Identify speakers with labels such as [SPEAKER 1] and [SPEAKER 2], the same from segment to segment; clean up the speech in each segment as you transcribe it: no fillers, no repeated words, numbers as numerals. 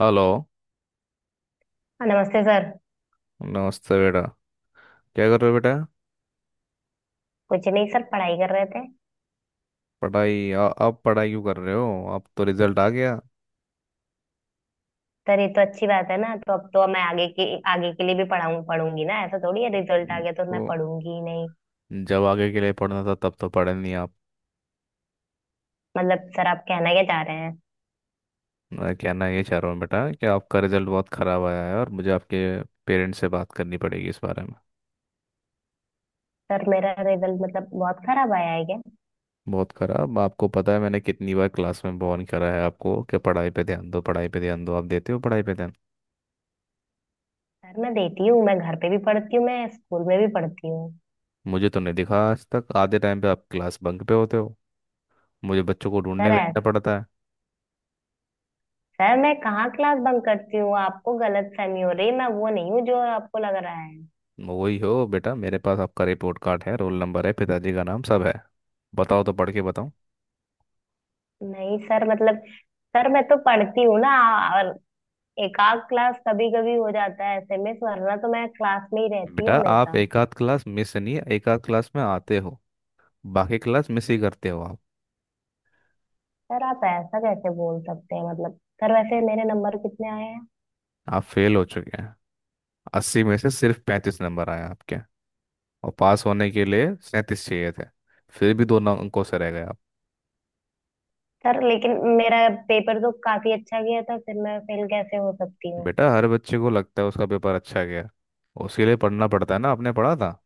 [SPEAKER 1] Hello.
[SPEAKER 2] हाँ, नमस्ते sir.
[SPEAKER 1] नमस्ते बेटा। क्या कर रहे हो बेटा?
[SPEAKER 2] कुछ नहीं सर, पढ़ाई कर रहे थे।
[SPEAKER 1] पढ़ाई अब पढ़ाई क्यों कर रहे हो? अब तो रिजल्ट आ गया।
[SPEAKER 2] सर ये तो अच्छी बात है ना, तो अब तो मैं आगे की आगे के लिए भी पढ़ाऊँ पढ़ूंगी ना। ऐसा थोड़ी है रिजल्ट आ गया तो मैं
[SPEAKER 1] तो
[SPEAKER 2] पढ़ूंगी ही नहीं।
[SPEAKER 1] जब आगे के लिए पढ़ना था तब तो पढ़े नहीं आप।
[SPEAKER 2] मतलब सर आप कहना क्या चाह रहे हैं?
[SPEAKER 1] मैं कहना ये चाह रहा हूँ बेटा कि आपका रिजल्ट बहुत ख़राब आया है और मुझे आपके पेरेंट्स से बात करनी पड़ेगी इस बारे में।
[SPEAKER 2] सर मेरा रिजल्ट मतलब बहुत खराब आया है क्या?
[SPEAKER 1] बहुत ख़राब। आपको पता है मैंने कितनी बार क्लास में वार्न करा है आपको कि पढ़ाई पे ध्यान दो, पढ़ाई पे ध्यान दो? आप देते हो पढ़ाई पे ध्यान?
[SPEAKER 2] सर मैं देती हूँ, मैं घर पे भी पढ़ती हूँ, मैं स्कूल में भी पढ़ती हूँ।
[SPEAKER 1] मुझे तो नहीं दिखा। आज तक आधे टाइम पे आप क्लास बंक पे होते हो, मुझे बच्चों को ढूंढने
[SPEAKER 2] सर ऐ-
[SPEAKER 1] भेजना पड़ता है।
[SPEAKER 2] सर मैं कहाँ क्लास बंक करती हूँ? आपको गलत फहमी हो रही है, मैं वो नहीं हूँ जो आपको लग रहा है।
[SPEAKER 1] वही हो बेटा, मेरे पास आपका रिपोर्ट कार्ड है, रोल नंबर है, पिताजी का नाम सब है। बताओ तो, पढ़ के बताओ।
[SPEAKER 2] नहीं सर, मतलब सर मैं तो पढ़ती हूँ ना। और एकाध क्लास कभी कभी हो जाता है ऐसे में, वरना तो मैं क्लास में ही रहती
[SPEAKER 1] बेटा
[SPEAKER 2] हूँ
[SPEAKER 1] आप
[SPEAKER 2] हमेशा।
[SPEAKER 1] एक आध क्लास मिस नहीं, एक आध क्लास में आते हो, बाकी क्लास मिस ही करते हो आप।
[SPEAKER 2] सर आप ऐसा कैसे बोल सकते हैं? मतलब सर वैसे मेरे नंबर कितने आए हैं?
[SPEAKER 1] आप फेल हो चुके हैं। 80 में से सिर्फ 35 नंबर आए आपके, और पास होने के लिए 37 चाहिए थे। फिर भी 2 अंकों से रह गए आप।
[SPEAKER 2] सर लेकिन मेरा पेपर तो काफी अच्छा गया था, फिर मैं फेल कैसे हो सकती हूँ?
[SPEAKER 1] बेटा हर बच्चे को लगता है उसका पेपर अच्छा गया। उसके लिए पढ़ना पड़ता है ना, आपने पढ़ा था?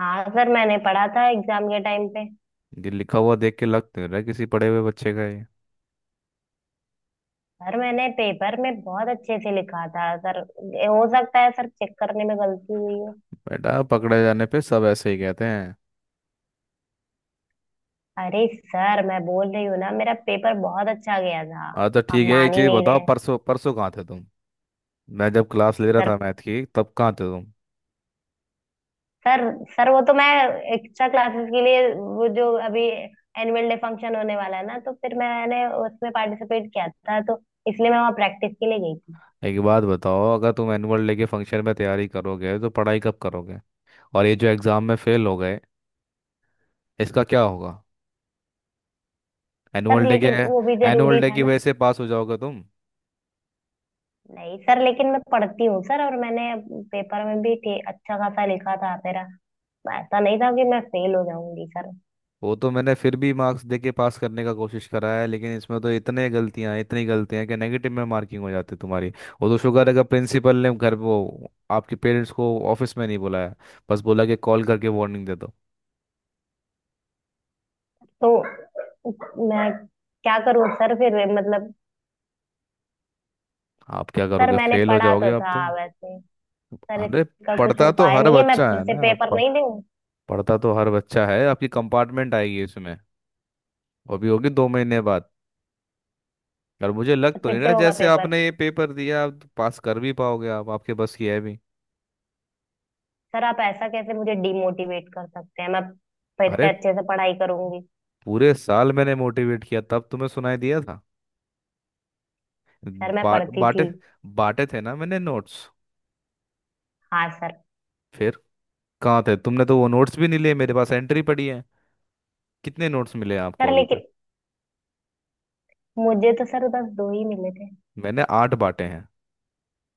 [SPEAKER 2] हाँ सर, मैंने पढ़ा था एग्जाम के टाइम पे।
[SPEAKER 1] ये लिखा हुआ देख के लग तो नहीं रहा किसी पढ़े हुए बच्चे का ये।
[SPEAKER 2] सर मैंने पेपर में बहुत अच्छे से लिखा था सर। हो सकता है सर चेक करने में गलती हुई हो।
[SPEAKER 1] बेटा पकड़े जाने पे सब ऐसे ही कहते हैं।
[SPEAKER 2] अरे सर, मैं बोल रही हूँ ना मेरा पेपर बहुत अच्छा गया था।
[SPEAKER 1] हाँ तो
[SPEAKER 2] आप
[SPEAKER 1] ठीक है, एक
[SPEAKER 2] मान ही
[SPEAKER 1] चीज
[SPEAKER 2] नहीं
[SPEAKER 1] बताओ,
[SPEAKER 2] रहे।
[SPEAKER 1] परसों परसों कहाँ थे तुम? मैं जब क्लास ले रहा था
[SPEAKER 2] सर
[SPEAKER 1] मैथ की, तब कहाँ थे तुम?
[SPEAKER 2] सर सर वो तो मैं एक्स्ट्रा क्लासेस के लिए, वो जो अभी एनुअल डे फंक्शन होने वाला है ना, तो फिर मैंने उसमें पार्टिसिपेट किया था, तो इसलिए मैं वहाँ प्रैक्टिस के लिए गई थी।
[SPEAKER 1] एक बात बताओ, अगर तुम एनुअल डे के फंक्शन में तैयारी करोगे तो पढ़ाई कब करोगे? और ये जो एग्जाम में फेल हो गए, इसका क्या होगा?
[SPEAKER 2] सर
[SPEAKER 1] एनुअल डे के,
[SPEAKER 2] लेकिन वो भी
[SPEAKER 1] एनुअल
[SPEAKER 2] जरूरी
[SPEAKER 1] डे
[SPEAKER 2] था
[SPEAKER 1] की
[SPEAKER 2] ना।
[SPEAKER 1] वजह से पास हो जाओगे तुम?
[SPEAKER 2] नहीं सर, लेकिन मैं पढ़ती हूँ सर, और मैंने पेपर में भी अच्छा खासा लिखा था मेरा। ऐसा नहीं था कि मैं फेल हो जाऊंगी सर।
[SPEAKER 1] वो तो मैंने फिर भी मार्क्स दे के पास करने का कोशिश करा है, लेकिन इसमें तो इतने गलतियां, इतनी गलतियां कि नेगेटिव में मार्किंग हो जाती है तुम्हारी। वो तो शुक्र है कि प्रिंसिपल ने घर वो आपके पेरेंट्स को ऑफिस में नहीं बुलाया, बस बोला कि कॉल करके वार्निंग दे दो।
[SPEAKER 2] तो मैं क्या करूँ सर फिर, मतलब।
[SPEAKER 1] आप क्या
[SPEAKER 2] सर
[SPEAKER 1] करोगे?
[SPEAKER 2] मैंने
[SPEAKER 1] फेल हो
[SPEAKER 2] पढ़ा
[SPEAKER 1] जाओगे
[SPEAKER 2] तो
[SPEAKER 1] आप
[SPEAKER 2] था
[SPEAKER 1] तो।
[SPEAKER 2] वैसे। सर
[SPEAKER 1] अरे
[SPEAKER 2] इसका कुछ
[SPEAKER 1] पढ़ता तो
[SPEAKER 2] उपाय
[SPEAKER 1] हर
[SPEAKER 2] नहीं है? मैं
[SPEAKER 1] बच्चा
[SPEAKER 2] फिर
[SPEAKER 1] है
[SPEAKER 2] से
[SPEAKER 1] ना।
[SPEAKER 2] पेपर नहीं दूँ?
[SPEAKER 1] पढ़ता तो हर बच्चा है। आपकी कंपार्टमेंट आएगी इसमें, वो भी होगी 2 महीने बाद। और मुझे लग तो
[SPEAKER 2] फिर
[SPEAKER 1] नहीं
[SPEAKER 2] से
[SPEAKER 1] रहा
[SPEAKER 2] होगा
[SPEAKER 1] जैसे
[SPEAKER 2] पेपर?
[SPEAKER 1] आपने ये पेपर दिया आप तो पास कर भी पाओगे, आप आपके बस की है भी?
[SPEAKER 2] सर आप ऐसा कैसे मुझे डिमोटिवेट कर सकते हैं? मैं फिर
[SPEAKER 1] अरे,
[SPEAKER 2] से अच्छे से पढ़ाई करूंगी।
[SPEAKER 1] पूरे साल मैंने मोटिवेट किया तब तुम्हें सुनाई दिया था?
[SPEAKER 2] सर मैं
[SPEAKER 1] बाट
[SPEAKER 2] पढ़ती
[SPEAKER 1] बांटे
[SPEAKER 2] थी।
[SPEAKER 1] बांटे थे ना मैंने नोट्स?
[SPEAKER 2] हाँ सर।
[SPEAKER 1] फिर कहाँ थे? तुमने तो वो नोट्स भी नहीं लिए, मेरे पास एंट्री पड़ी है। कितने नोट्स मिले हैं आपको
[SPEAKER 2] सर
[SPEAKER 1] अभी तक?
[SPEAKER 2] लेकिन मुझे तो सर बस दो ही मिले थे।
[SPEAKER 1] मैंने 8 बांटे।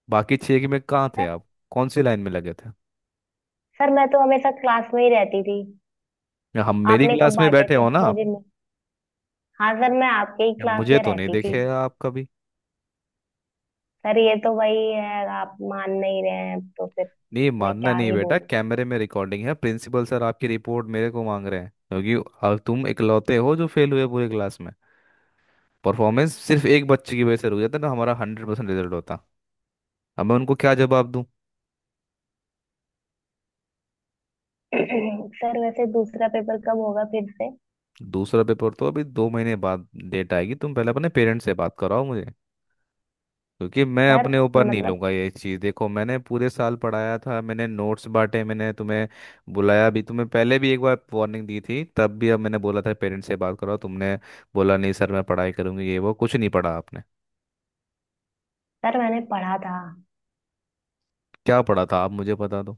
[SPEAKER 1] बाकी 6 के में कहाँ थे
[SPEAKER 2] सर,
[SPEAKER 1] आप, कौन सी लाइन में लगे थे?
[SPEAKER 2] सर मैं तो हमेशा क्लास में ही रहती थी।
[SPEAKER 1] या हम, मेरी
[SPEAKER 2] आपने कब
[SPEAKER 1] क्लास में
[SPEAKER 2] बांटे
[SPEAKER 1] बैठे
[SPEAKER 2] थे?
[SPEAKER 1] हो ना
[SPEAKER 2] मुझे
[SPEAKER 1] आप?
[SPEAKER 2] नहीं। हाँ सर, मैं आपके ही
[SPEAKER 1] या
[SPEAKER 2] क्लास
[SPEAKER 1] मुझे
[SPEAKER 2] में
[SPEAKER 1] तो नहीं
[SPEAKER 2] रहती थी।
[SPEAKER 1] देखे आप कभी?
[SPEAKER 2] सर ये तो वही है, आप मान नहीं रहे हैं तो फिर
[SPEAKER 1] नहीं
[SPEAKER 2] मैं
[SPEAKER 1] मानना।
[SPEAKER 2] क्या
[SPEAKER 1] नहीं
[SPEAKER 2] ही
[SPEAKER 1] बेटा,
[SPEAKER 2] बोलूं।
[SPEAKER 1] कैमरे में रिकॉर्डिंग है, प्रिंसिपल सर आपकी रिपोर्ट मेरे को मांग रहे हैं। क्योंकि अब तुम इकलौते हो जो फेल हुए पूरी क्लास में। परफॉर्मेंस सिर्फ एक बच्चे की वजह से रुक जाता, ना हमारा 100% रिजल्ट होता। अब मैं उनको क्या जवाब दूं?
[SPEAKER 2] सर वैसे दूसरा पेपर कब होगा फिर से?
[SPEAKER 1] दूसरा पेपर तो अभी 2 महीने बाद डेट आएगी। तुम पहले अपने पेरेंट्स से बात कराओ मुझे, क्योंकि मैं
[SPEAKER 2] सर
[SPEAKER 1] अपने ऊपर नहीं
[SPEAKER 2] मतलब,
[SPEAKER 1] लूंगा ये चीज़। देखो, मैंने पूरे साल पढ़ाया था, मैंने नोट्स बांटे, मैंने तुम्हें बुलाया भी तुम्हें, पहले भी एक बार वार्निंग दी थी तब भी, अब मैंने बोला था पेरेंट्स से बात करो, तुमने बोला नहीं सर मैं पढ़ाई करूंगी ये वो, कुछ नहीं पढ़ा आपने।
[SPEAKER 2] सर मैंने पढ़ा था
[SPEAKER 1] क्या पढ़ा था आप मुझे बता दो?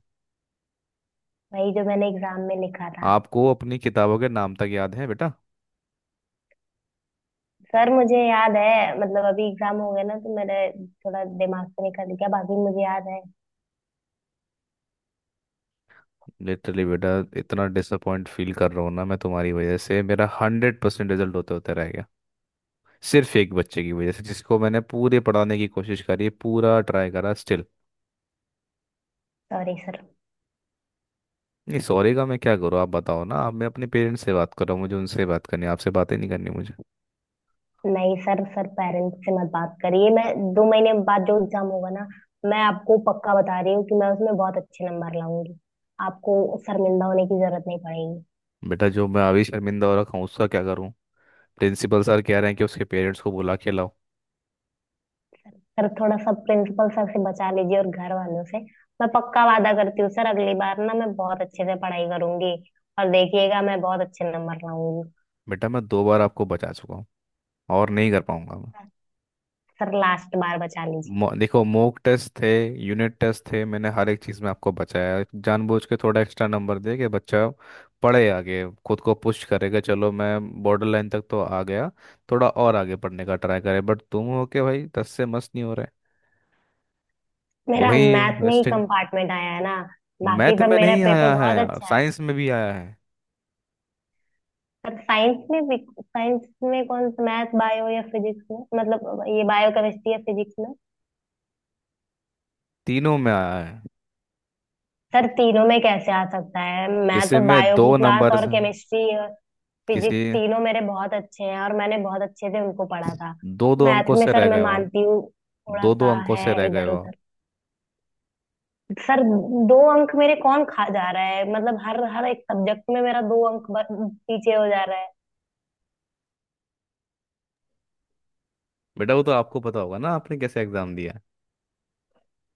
[SPEAKER 2] वही जो मैंने एग्जाम में लिखा था।
[SPEAKER 1] आपको अपनी किताबों के नाम तक याद है बेटा?
[SPEAKER 2] सर मुझे याद है, मतलब अभी एग्जाम हो गया ना तो मेरे थोड़ा दिमाग से निकल गया, बाकी मुझे याद है।
[SPEAKER 1] लिटरली बेटा, इतना डिसअपॉइंट फील कर रहा हूँ ना मैं तुम्हारी वजह से, मेरा 100% रिजल्ट होते होते रह गया, सिर्फ एक बच्चे की वजह से जिसको मैंने पूरे पढ़ाने की कोशिश करी, पूरा ट्राई करा स्टिल।
[SPEAKER 2] Sorry sir.
[SPEAKER 1] नहीं, सॉरी का मैं क्या करूँ? आप बताओ ना आप, मैं अपने पेरेंट्स से बात कर रहा हूँ, मुझे उनसे बात करनी है, आपसे बातें नहीं करनी मुझे।
[SPEAKER 2] नहीं सर, सर पेरेंट्स से मत बात करिए। मैं दो महीने बाद जो एग्जाम होगा ना, मैं आपको पक्का बता रही हूँ कि मैं उसमें बहुत अच्छे नंबर लाऊंगी। आपको शर्मिंदा होने की जरूरत नहीं पड़ेगी।
[SPEAKER 1] बेटा जो मैं अभी शर्मिंदा हो रखा हूँ उसका क्या करूँ? प्रिंसिपल सर कह रहे हैं कि उसके पेरेंट्स को बुला के लाओ।
[SPEAKER 2] सर थोड़ा सा प्रिंसिपल सर से बचा लीजिए और घर वालों से। मैं पक्का वादा करती हूँ सर, अगली बार ना मैं बहुत अच्छे से पढ़ाई करूंगी, और देखिएगा मैं बहुत अच्छे नंबर लाऊंगी।
[SPEAKER 1] बेटा मैं 2 बार आपको बचा चुका हूँ, और नहीं कर पाऊंगा मैं।
[SPEAKER 2] सर लास्ट बार बचा लीजिए।
[SPEAKER 1] देखो, मॉक टेस्ट थे, यूनिट टेस्ट थे, मैंने हर एक चीज़ में आपको बचाया, जानबूझ के थोड़ा एक्स्ट्रा नंबर दे के, बच्चा पढ़े आगे, खुद को पुश करेगा, चलो मैं बॉर्डर लाइन तक तो आ गया, थोड़ा और आगे पढ़ने का ट्राई करे, बट तुम हो के भाई दस से मस्त नहीं हो रहे।
[SPEAKER 2] मेरा
[SPEAKER 1] वही।
[SPEAKER 2] मैथ में ही कंपार्टमेंट आया है ना, बाकी
[SPEAKER 1] मैथ
[SPEAKER 2] सब
[SPEAKER 1] में
[SPEAKER 2] मेरा
[SPEAKER 1] नहीं
[SPEAKER 2] पेपर
[SPEAKER 1] आया है
[SPEAKER 2] बहुत
[SPEAKER 1] यार,
[SPEAKER 2] अच्छा है।
[SPEAKER 1] साइंस में भी आया है।
[SPEAKER 2] पर साइंस में भी? साइंस में कौन सा, मैथ बायो या फिजिक्स में? मतलब ये बायो, केमिस्ट्री या फिजिक्स में?
[SPEAKER 1] तीनों में आया है।
[SPEAKER 2] सर तीनों में कैसे आ सकता है? मैं
[SPEAKER 1] किसी
[SPEAKER 2] तो
[SPEAKER 1] में
[SPEAKER 2] बायो की
[SPEAKER 1] दो
[SPEAKER 2] क्लास
[SPEAKER 1] नंबर
[SPEAKER 2] और
[SPEAKER 1] हैं,
[SPEAKER 2] केमिस्ट्री और फिजिक्स
[SPEAKER 1] किसी
[SPEAKER 2] तीनों मेरे बहुत अच्छे हैं, और मैंने बहुत अच्छे से उनको पढ़ा था।
[SPEAKER 1] दो दो
[SPEAKER 2] मैथ
[SPEAKER 1] अंकों
[SPEAKER 2] में
[SPEAKER 1] से रह
[SPEAKER 2] सर मैं
[SPEAKER 1] गए हो आप।
[SPEAKER 2] मानती हूँ, थोड़ा
[SPEAKER 1] दो दो
[SPEAKER 2] सा
[SPEAKER 1] अंकों
[SPEAKER 2] है
[SPEAKER 1] से रह गए
[SPEAKER 2] इधर
[SPEAKER 1] हो आप।
[SPEAKER 2] उधर। सर दो अंक मेरे कौन खा जा रहा है? मतलब हर हर एक सब्जेक्ट में मेरा दो अंक पीछे हो जा रहा है।
[SPEAKER 1] बेटा वो तो आपको पता होगा ना आपने कैसे एग्जाम दिया है,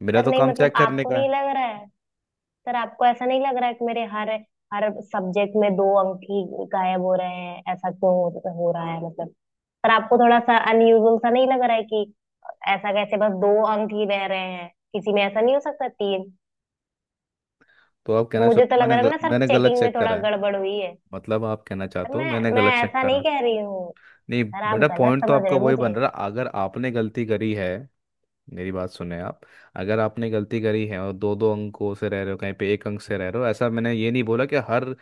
[SPEAKER 1] मेरा
[SPEAKER 2] सर
[SPEAKER 1] तो
[SPEAKER 2] नहीं,
[SPEAKER 1] काम
[SPEAKER 2] मतलब
[SPEAKER 1] चेक करने
[SPEAKER 2] आपको
[SPEAKER 1] का
[SPEAKER 2] नहीं
[SPEAKER 1] है।
[SPEAKER 2] लग रहा है? सर आपको ऐसा नहीं लग रहा है कि मेरे हर हर सब्जेक्ट में दो अंक ही गायब हो रहे हैं? ऐसा क्यों हो रहा है, मतलब? सर आपको थोड़ा सा अनयूजुअल सा नहीं लग रहा है कि ऐसा कैसे बस दो अंक ही बह रहे हैं किसी में? ऐसा नहीं हो सकता। तीन,
[SPEAKER 1] तो आप कहना
[SPEAKER 2] मुझे
[SPEAKER 1] चाहते
[SPEAKER 2] तो
[SPEAKER 1] हो
[SPEAKER 2] लग
[SPEAKER 1] मैंने
[SPEAKER 2] रहा है ना सर
[SPEAKER 1] मैंने गलत
[SPEAKER 2] चेकिंग में
[SPEAKER 1] चेक
[SPEAKER 2] थोड़ा
[SPEAKER 1] करा है?
[SPEAKER 2] गड़बड़ हुई है।
[SPEAKER 1] मतलब आप कहना
[SPEAKER 2] सर
[SPEAKER 1] चाहते हो
[SPEAKER 2] मैं
[SPEAKER 1] मैंने
[SPEAKER 2] मैं
[SPEAKER 1] गलत चेक
[SPEAKER 2] ऐसा नहीं
[SPEAKER 1] करा?
[SPEAKER 2] कह रही हूँ।
[SPEAKER 1] नहीं
[SPEAKER 2] सर आप
[SPEAKER 1] बेटा,
[SPEAKER 2] गलत
[SPEAKER 1] पॉइंट तो
[SPEAKER 2] समझ रहे
[SPEAKER 1] आपका
[SPEAKER 2] हैं
[SPEAKER 1] वही
[SPEAKER 2] मुझे।
[SPEAKER 1] बन रहा है, अगर आपने गलती करी है, मेरी बात सुने आप, अगर आपने गलती करी है और दो दो अंकों से रह रहे हो, कहीं पे एक अंक से रह रहे हो, ऐसा, मैंने ये नहीं बोला कि हर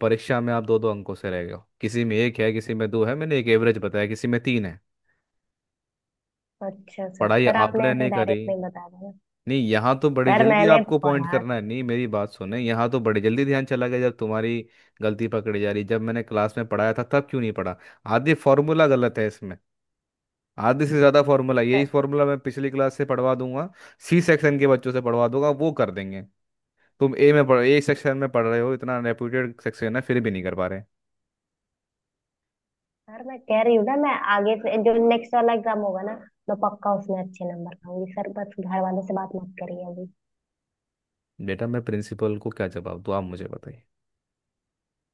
[SPEAKER 1] परीक्षा में आप दो दो अंकों से रह गए हो, किसी में एक है, किसी में दो है, मैंने एक एवरेज बताया, किसी में तीन है।
[SPEAKER 2] अच्छा सर,
[SPEAKER 1] पढ़ाई
[SPEAKER 2] सर आपने
[SPEAKER 1] आपने
[SPEAKER 2] ऐसे
[SPEAKER 1] नहीं करी।
[SPEAKER 2] डायरेक्ट नहीं बता दिया।
[SPEAKER 1] नहीं, यहाँ तो बड़ी
[SPEAKER 2] सर
[SPEAKER 1] जल्दी
[SPEAKER 2] मैंने
[SPEAKER 1] आपको पॉइंट
[SPEAKER 2] पढ़ा
[SPEAKER 1] करना है, नहीं मेरी बात सुने, यहाँ तो बड़ी जल्दी ध्यान चला गया जब तुम्हारी गलती पकड़ी जा रही, जब मैंने क्लास में पढ़ाया था तब क्यों नहीं पढ़ा? आधी फार्मूला गलत है इसमें, आधे से ज्यादा फार्मूला, यही
[SPEAKER 2] था।
[SPEAKER 1] फार्मूला मैं पिछली क्लास से पढ़वा दूंगा, सी सेक्शन के बच्चों से पढ़वा दूंगा, वो कर देंगे। तुम ए में पढ़, ए सेक्शन में पढ़ रहे हो, इतना रेप्यूटेड सेक्शन है, फिर भी नहीं कर पा रहे।
[SPEAKER 2] यार मैं कह रही हूँ ना, मैं आगे से जो नेक्स्ट वाला एग्जाम होगा ना, मैं पक्का उसमें अच्छे नंबर लाऊंगी सर, बस घर वालों से बात मत करिए अभी।
[SPEAKER 1] बेटा मैं प्रिंसिपल को क्या जवाब दूँ? आप मुझे बताइए।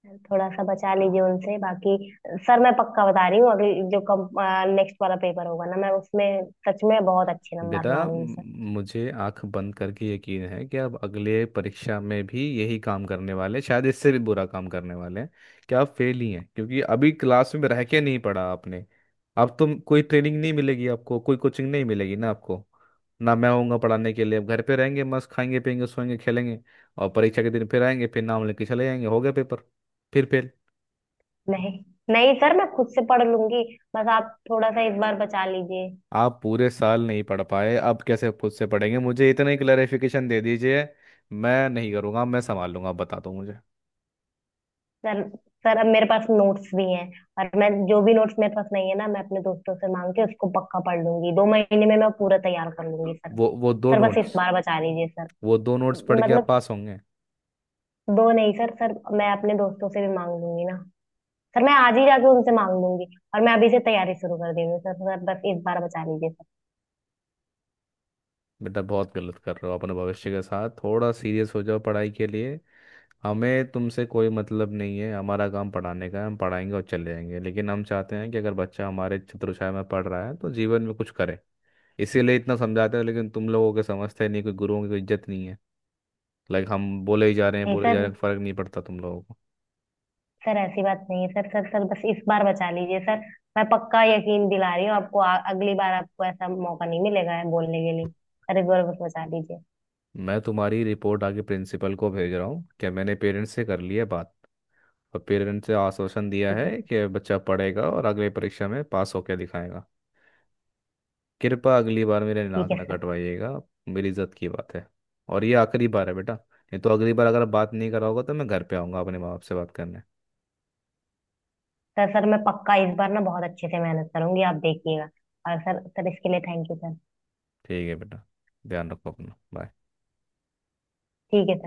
[SPEAKER 2] सर, थोड़ा सा बचा लीजिए उनसे। बाकी सर मैं पक्का बता रही हूँ, अभी जो कम नेक्स्ट वाला पेपर होगा ना, मैं उसमें सच में बहुत अच्छे नंबर
[SPEAKER 1] बेटा
[SPEAKER 2] लाऊंगी सर।
[SPEAKER 1] मुझे आंख बंद करके यकीन है कि आप अगले परीक्षा में भी यही काम करने वाले हैं, शायद इससे भी बुरा काम करने वाले हैं, कि आप फेल ही हैं, क्योंकि अभी क्लास में रह के नहीं पढ़ा आपने। अब तो कोई ट्रेनिंग नहीं मिलेगी आपको, कोई कोचिंग नहीं मिलेगी ना आपको, ना मैं होऊंगा पढ़ाने के लिए। अब घर पे रहेंगे, मस्त खाएंगे पियेंगे सोएंगे खेलेंगे, और परीक्षा के दिन फिर आएंगे, फिर नाम लेके चले जाएंगे, हो गया पेपर, फिर फेल।
[SPEAKER 2] नहीं, नहीं सर, मैं खुद से पढ़ लूंगी, बस आप थोड़ा सा इस बार बचा लीजिए।
[SPEAKER 1] आप पूरे साल नहीं पढ़ पाए, अब कैसे खुद से पढ़ेंगे, मुझे इतना ही क्लैरिफिकेशन दे दीजिए, मैं नहीं करूँगा, मैं संभाल लूंगा, आप बता दो मुझे।
[SPEAKER 2] सर सर अब मेरे पास नोट्स भी हैं, और मैं जो भी नोट्स मेरे पास नहीं है ना, मैं अपने दोस्तों से मांग के उसको पक्का पढ़ लूंगी। दो महीने में मैं पूरा तैयार कर लूंगी सर।
[SPEAKER 1] वो दो
[SPEAKER 2] सर बस इस
[SPEAKER 1] नोट्स
[SPEAKER 2] बार बचा लीजिए सर।
[SPEAKER 1] वो दो नोट्स पढ़ के आप
[SPEAKER 2] मतलब
[SPEAKER 1] पास होंगे?
[SPEAKER 2] दो नहीं सर, मैं अपने दोस्तों से भी मांग लूंगी ना। सर मैं आज ही जाके उनसे मांग लूंगी, और मैं अभी से तैयारी शुरू कर दे रही हूँ सर। सर बस इस बार बचा लीजिए सर।
[SPEAKER 1] बेटा बहुत गलत कर रहे हो अपने भविष्य के साथ, थोड़ा सीरियस हो जाओ पढ़ाई के लिए। हमें तुमसे कोई मतलब नहीं है, हमारा काम पढ़ाने का है, हम पढ़ाएंगे और चले जाएंगे, लेकिन हम चाहते हैं कि अगर बच्चा हमारे छत्रछाया में पढ़ रहा है तो जीवन में कुछ करे, इसीलिए इतना समझाते हैं, लेकिन तुम लोगों के समझते नहीं, कोई गुरुओं की कोई इज्जत नहीं है। लाइक, हम बोले ही जा रहे हैं,
[SPEAKER 2] नहीं
[SPEAKER 1] बोले जा रहे
[SPEAKER 2] सर,
[SPEAKER 1] हैं, फर्क नहीं पड़ता तुम लोगों को।
[SPEAKER 2] ऐसी बात नहीं है सर सर सर बस इस बार बचा लीजिए सर। मैं पक्का यकीन दिला रही हूँ आपको, अगली बार आपको ऐसा मौका नहीं मिलेगा है बोलने के लिए सर। इस बार बस बचा लीजिए।
[SPEAKER 1] मैं तुम्हारी रिपोर्ट आगे प्रिंसिपल को भेज रहा हूँ कि मैंने पेरेंट्स से कर ली है बात, और पेरेंट्स से आश्वासन दिया
[SPEAKER 2] ठीक है।
[SPEAKER 1] है कि बच्चा पढ़ेगा और अगले परीक्षा में पास होकर दिखाएगा। कृपया अगली बार मेरे
[SPEAKER 2] ठीक
[SPEAKER 1] नाक
[SPEAKER 2] है
[SPEAKER 1] ना
[SPEAKER 2] सर
[SPEAKER 1] कटवाइएगा, मेरी इज्जत की बात है। और ये आखिरी बार है बेटा, ये तो अगली बार अगर बात नहीं कराओगे तो मैं घर पे आऊँगा अपने माँ बाप से बात करने।
[SPEAKER 2] सर सर मैं पक्का इस बार ना बहुत अच्छे से मेहनत करूंगी, आप देखिएगा। और सर सर इसके लिए थैंक यू सर।
[SPEAKER 1] ठीक है बेटा, ध्यान रखो अपना, बाय।
[SPEAKER 2] ठीक है सर।